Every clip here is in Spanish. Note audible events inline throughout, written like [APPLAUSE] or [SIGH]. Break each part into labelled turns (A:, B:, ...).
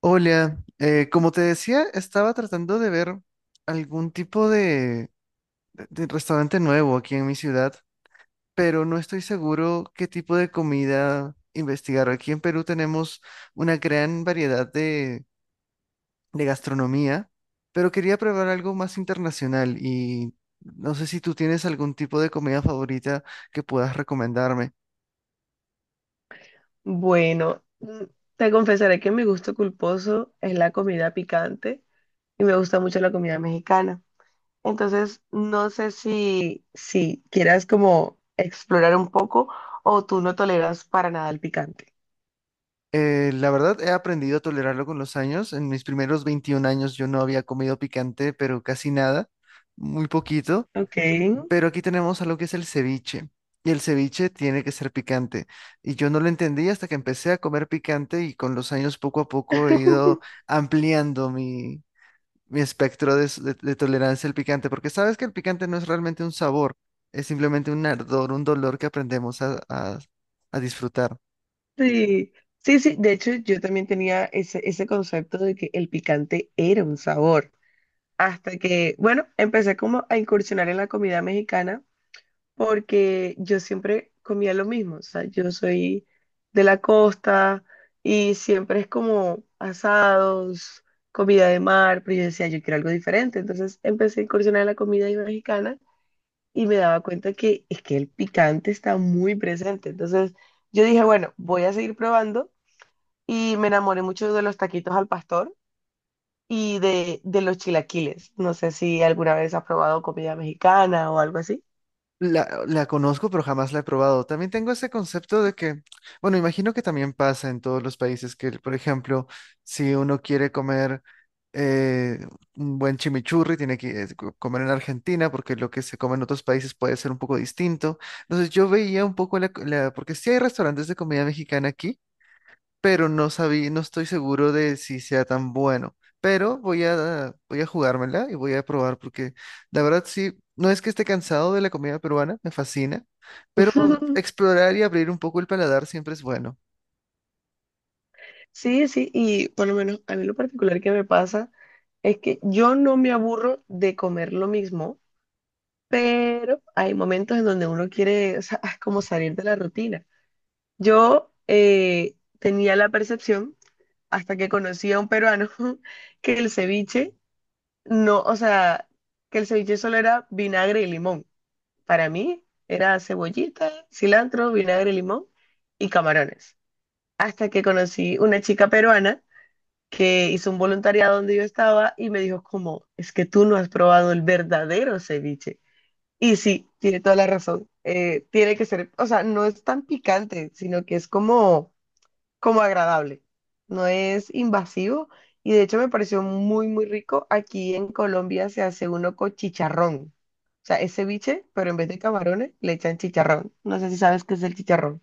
A: Hola, como te decía, estaba tratando de ver algún tipo de restaurante nuevo aquí en mi ciudad, pero no estoy seguro qué tipo de comida investigar. Aquí en Perú tenemos una gran variedad de gastronomía, pero quería probar algo más internacional y no sé si tú tienes algún tipo de comida favorita que puedas recomendarme.
B: Bueno, te confesaré que mi gusto culposo es la comida picante y me gusta mucho la comida mexicana. Entonces, no sé si quieras como explorar un poco o tú no toleras para nada el picante.
A: La verdad, he aprendido a tolerarlo con los años. En mis primeros 21 años yo no había comido picante, pero casi nada, muy poquito.
B: Ok.
A: Pero aquí tenemos algo que es el ceviche. Y el ceviche tiene que ser picante. Y yo no lo entendí hasta que empecé a comer picante y con los años poco a poco he ido
B: [LAUGHS]
A: ampliando mi espectro de tolerancia al picante, porque sabes que el picante no es realmente un sabor, es simplemente un ardor, un dolor que aprendemos a disfrutar.
B: Sí, sí, sí. De hecho, yo también tenía ese concepto de que el picante era un sabor. Hasta que, bueno, empecé como a incursionar en la comida mexicana porque yo siempre comía lo mismo, o sea, yo soy de la costa y siempre es como asados, comida de mar, pero yo decía, yo quiero algo diferente, entonces empecé a incursionar en la comida mexicana y me daba cuenta que es que el picante está muy presente, entonces yo dije, bueno, voy a seguir probando y me enamoré mucho de los taquitos al pastor. Y de los chilaquiles. No sé si alguna vez has probado comida mexicana o algo así.
A: La conozco, pero jamás la he probado. También tengo ese concepto de que, bueno, imagino que también pasa en todos los países que, por ejemplo, si uno quiere comer eh, un buen chimichurri, tiene que comer en Argentina, porque lo que se come en otros países puede ser un poco distinto. Entonces yo veía un poco porque sí hay restaurantes de comida mexicana aquí, pero no sabía, no estoy seguro de si sea tan bueno. Pero voy a jugármela y voy a probar porque la verdad sí, no es que esté cansado de la comida peruana, me fascina, pero
B: [LAUGHS]
A: explorar y abrir un poco el paladar siempre es bueno.
B: Sí, sí, y por lo menos a mí lo particular que me pasa es que yo no me aburro de comer lo mismo, pero hay momentos en donde uno quiere, o sea, [LAUGHS] como salir de la rutina. Yo tenía la percepción, hasta que conocí a un peruano, [LAUGHS] que el ceviche no, o sea, que el ceviche solo era vinagre y limón. Para mí era cebollita, cilantro, vinagre, limón y camarones. Hasta que conocí una chica peruana que hizo un voluntariado donde yo estaba y me dijo como, es que tú no has probado el verdadero ceviche. Y sí, tiene toda la razón. Tiene que ser, o sea, no es tan picante, sino que es como, como agradable. No es invasivo y de hecho me pareció muy, muy rico. Aquí en Colombia se hace uno con chicharrón. O sea, es ceviche, pero en vez de camarones le echan chicharrón. No sé si sabes qué es el chicharrón.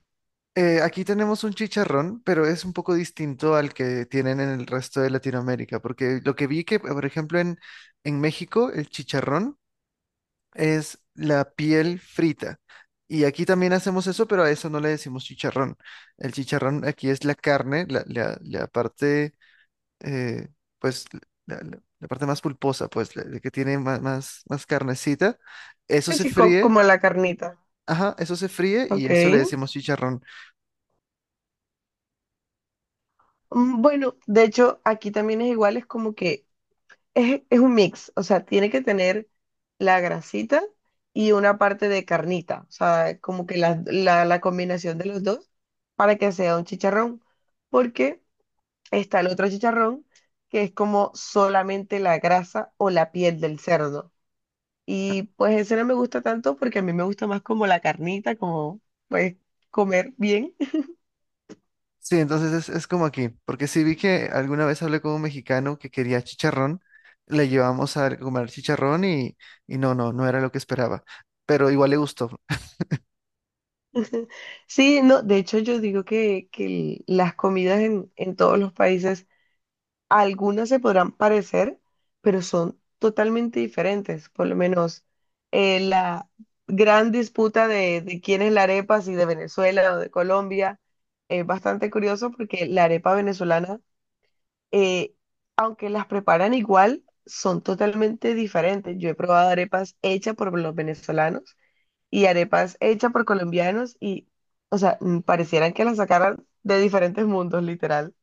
A: Aquí tenemos un chicharrón, pero es un poco distinto al que tienen en el resto de Latinoamérica, porque lo que vi que, por ejemplo, en México, el chicharrón es la piel frita. Y aquí también hacemos eso, pero a eso no le decimos chicharrón. El chicharrón aquí es la carne, la parte, eh, pues, la parte más pulposa, pues, la que tiene más, más, más carnecita. Eso
B: Es
A: se
B: así como,
A: fríe,
B: como la carnita.
A: ajá, eso se fríe y
B: Ok.
A: eso le decimos chicharrón.
B: Bueno, de hecho, aquí también es igual, es como que es un mix, o sea, tiene que tener la grasita y una parte de carnita, o sea, como que la combinación de los dos para que sea un chicharrón, porque está el otro chicharrón que es como solamente la grasa o la piel del cerdo. Y pues ese no me gusta tanto porque a mí me gusta más como la carnita, como pues comer bien.
A: Sí, entonces es como aquí, porque sí vi que alguna vez hablé con un mexicano que quería chicharrón, le llevamos a comer chicharrón y, no era lo que esperaba, pero igual le gustó.
B: Sí, no, de hecho yo digo que, las comidas en todos los países, algunas se podrán parecer, pero son totalmente diferentes. Por lo menos la gran disputa de quién es la arepa, si de Venezuela o de Colombia, es bastante curioso porque la arepa venezolana, eh, aunque las preparan igual, son totalmente diferentes. Yo he probado arepas hechas por los venezolanos y arepas hechas por colombianos y, o sea, parecieran que las sacaran de diferentes mundos, literal.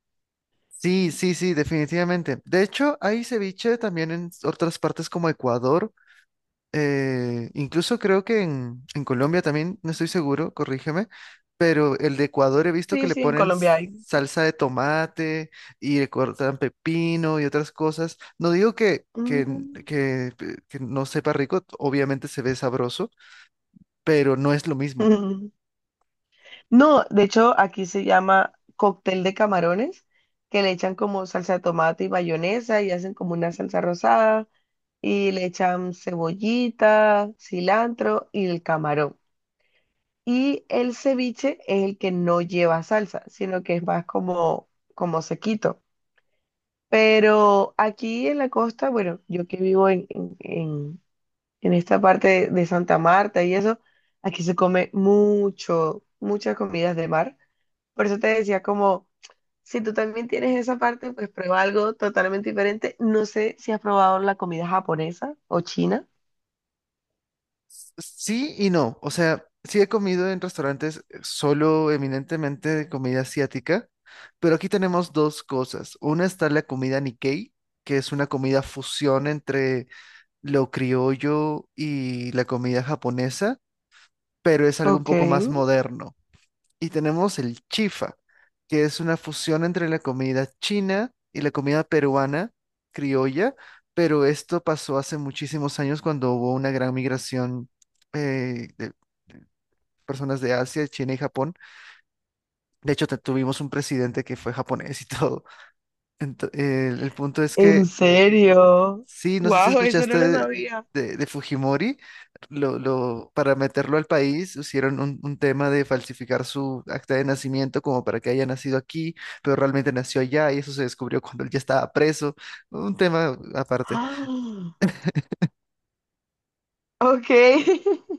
A: Sí, sí, sí, definitivamente. De hecho, hay ceviche también en otras partes como Ecuador. Incluso creo que en Colombia también, no estoy seguro, corrígeme, pero el de Ecuador he visto que
B: Sí,
A: le
B: sí, en
A: ponen
B: Colombia hay.
A: salsa de tomate y le cortan pepino y otras cosas. No digo
B: Mm.
A: que, que no sepa rico, obviamente se ve sabroso, pero no es lo mismo.
B: [LAUGHS] No, de hecho, aquí se llama cóctel de camarones, que le echan como salsa de tomate y mayonesa y hacen como una salsa rosada y le echan cebollita, cilantro y el camarón. Y el ceviche es el que no lleva salsa, sino que es más como, como sequito. Pero aquí en la costa, bueno, yo que vivo en esta parte de Santa Marta y eso, aquí se come mucho, muchas comidas de mar. Por eso te decía como, si tú también tienes esa parte, pues prueba algo totalmente diferente. No sé si has probado la comida japonesa o china.
A: Sí y no. O sea, sí he comido en restaurantes solo eminentemente de comida asiática, pero aquí tenemos dos cosas. Una está la comida Nikkei, que es una comida fusión entre lo criollo y la comida japonesa, pero es algo un
B: Ok.
A: poco más moderno. Y tenemos el chifa, que es una fusión entre la comida china y la comida peruana, criolla, pero esto pasó hace muchísimos años cuando hubo una gran migración eh, de de personas de Asia, China y Japón. De hecho, tuvimos un presidente que fue japonés y [LAUGHS] todo. El punto es
B: ¿En
A: que...
B: serio?
A: Sí, no sé si
B: Wow, eso
A: escuchaste
B: no lo sabía.
A: de Fujimori. Para meterlo al país hicieron un tema de falsificar su acta de nacimiento como para que haya nacido aquí, pero realmente nació allá y eso se descubrió cuando él ya estaba preso, un tema aparte.
B: [GASPS] Ah, ok. [LAUGHS]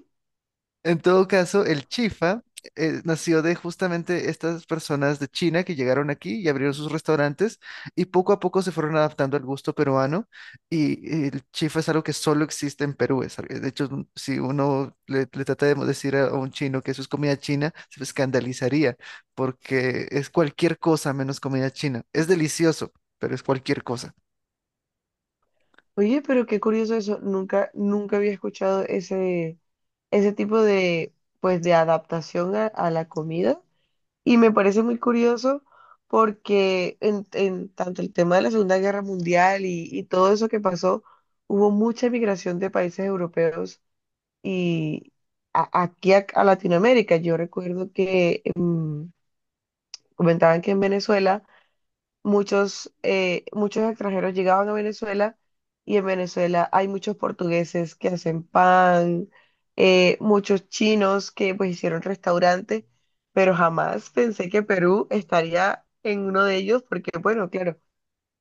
A: En todo caso, el chifa nació de justamente estas personas de China que llegaron aquí y abrieron sus restaurantes y poco a poco se fueron adaptando al gusto peruano, y el chifa es algo que solo existe en Perú. De hecho, si uno le, le trata de decir a un chino que eso es comida china, se escandalizaría porque es cualquier cosa menos comida china. Es delicioso, pero es cualquier cosa.
B: Oye, pero qué curioso eso. Nunca, nunca había escuchado ese, ese tipo de, pues, de adaptación a la comida. Y me parece muy curioso porque en tanto el tema de la Segunda Guerra Mundial y todo eso que pasó, hubo mucha migración de países europeos y aquí a Latinoamérica. Yo recuerdo que comentaban que en Venezuela muchos, muchos extranjeros llegaban a Venezuela y en Venezuela hay muchos portugueses que hacen pan, muchos chinos que pues hicieron restaurantes, pero jamás pensé que Perú estaría en uno de ellos porque, bueno, claro.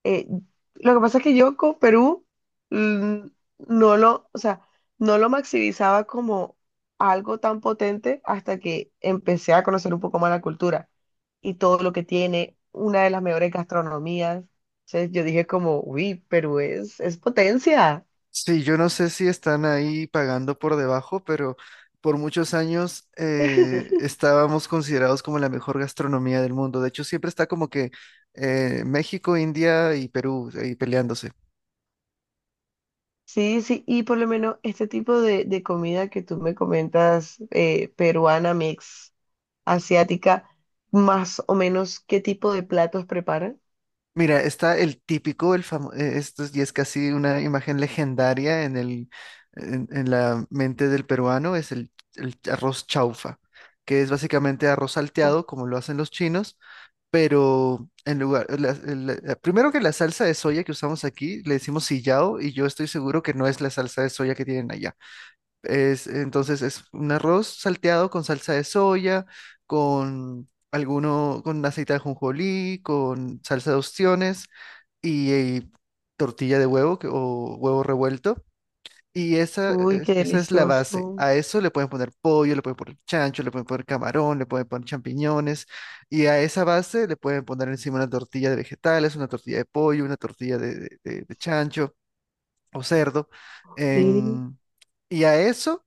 B: Eh, lo que pasa es que yo con Perú mm, no lo, o sea, no lo maximizaba como algo tan potente hasta que empecé a conocer un poco más la cultura y todo lo que tiene, una de las mejores gastronomías. Entonces yo dije como, uy, Perú es potencia.
A: Sí, yo no sé si están ahí pagando por debajo, pero por muchos años estábamos considerados como la mejor gastronomía del mundo. De hecho, siempre está como que México, India y Perú ahí peleándose.
B: Sí, sí, y por lo menos este tipo de comida que tú me comentas, peruana, mix, asiática, más o menos, ¿qué tipo de platos preparan?
A: Mira, está el típico, el famoso, esto es- y es casi una imagen legendaria en en la mente del peruano, es el arroz chaufa, que es básicamente arroz salteado, como lo hacen los chinos, pero en lugar, primero que la salsa de soya que usamos aquí le decimos sillao y yo estoy seguro que no es la salsa de soya que tienen allá. Entonces es un arroz salteado con salsa de soya, con alguno, con aceite de ajonjolí, con salsa de ostiones y, tortilla de huevo, o huevo revuelto. Y
B: Uy, qué
A: esa es la base.
B: delicioso.
A: A eso le pueden poner pollo, le pueden poner chancho, le pueden poner camarón, le pueden poner champiñones. Y a esa base le pueden poner encima una tortilla de vegetales, una tortilla de pollo, una tortilla de chancho o cerdo.
B: Sí.
A: en- Y a eso,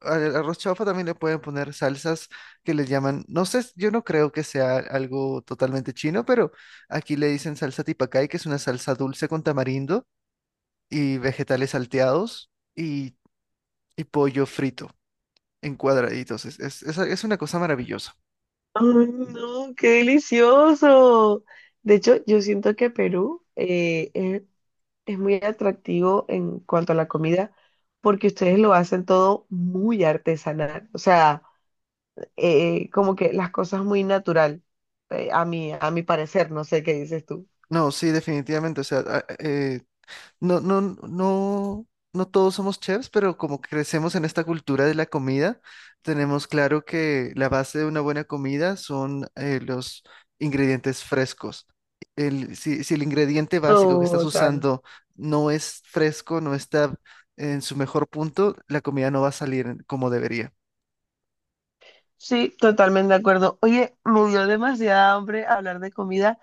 A: al arroz chaufa también le pueden poner salsas que le llaman, no sé, yo no creo que sea algo totalmente chino, pero aquí le dicen salsa tipacay, que es una salsa dulce con tamarindo y vegetales salteados. Y pollo frito en cuadraditos. Es una cosa maravillosa.
B: Ay, no, qué delicioso. De hecho, yo siento que Perú es muy atractivo en cuanto a la comida porque ustedes lo hacen todo muy artesanal. O sea, como que las cosas muy natural, a mí, a mi parecer, no sé qué dices tú.
A: No, sí, definitivamente. O sea, no, no, no, no todos somos chefs, pero como crecemos en esta cultura de la comida, tenemos claro que la base de una buena comida son los ingredientes frescos. Si, si el ingrediente básico que estás
B: Total.
A: usando no es fresco, no está en su mejor punto, la comida no va a salir como debería.
B: Sí, totalmente de acuerdo. Oye, me dio demasiada hambre hablar de comida.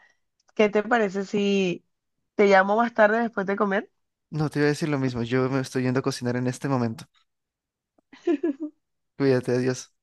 B: ¿Qué te parece si te llamo más tarde después de comer?
A: No, te iba a decir lo mismo. Yo me estoy yendo a cocinar en este momento. Cuídate, adiós.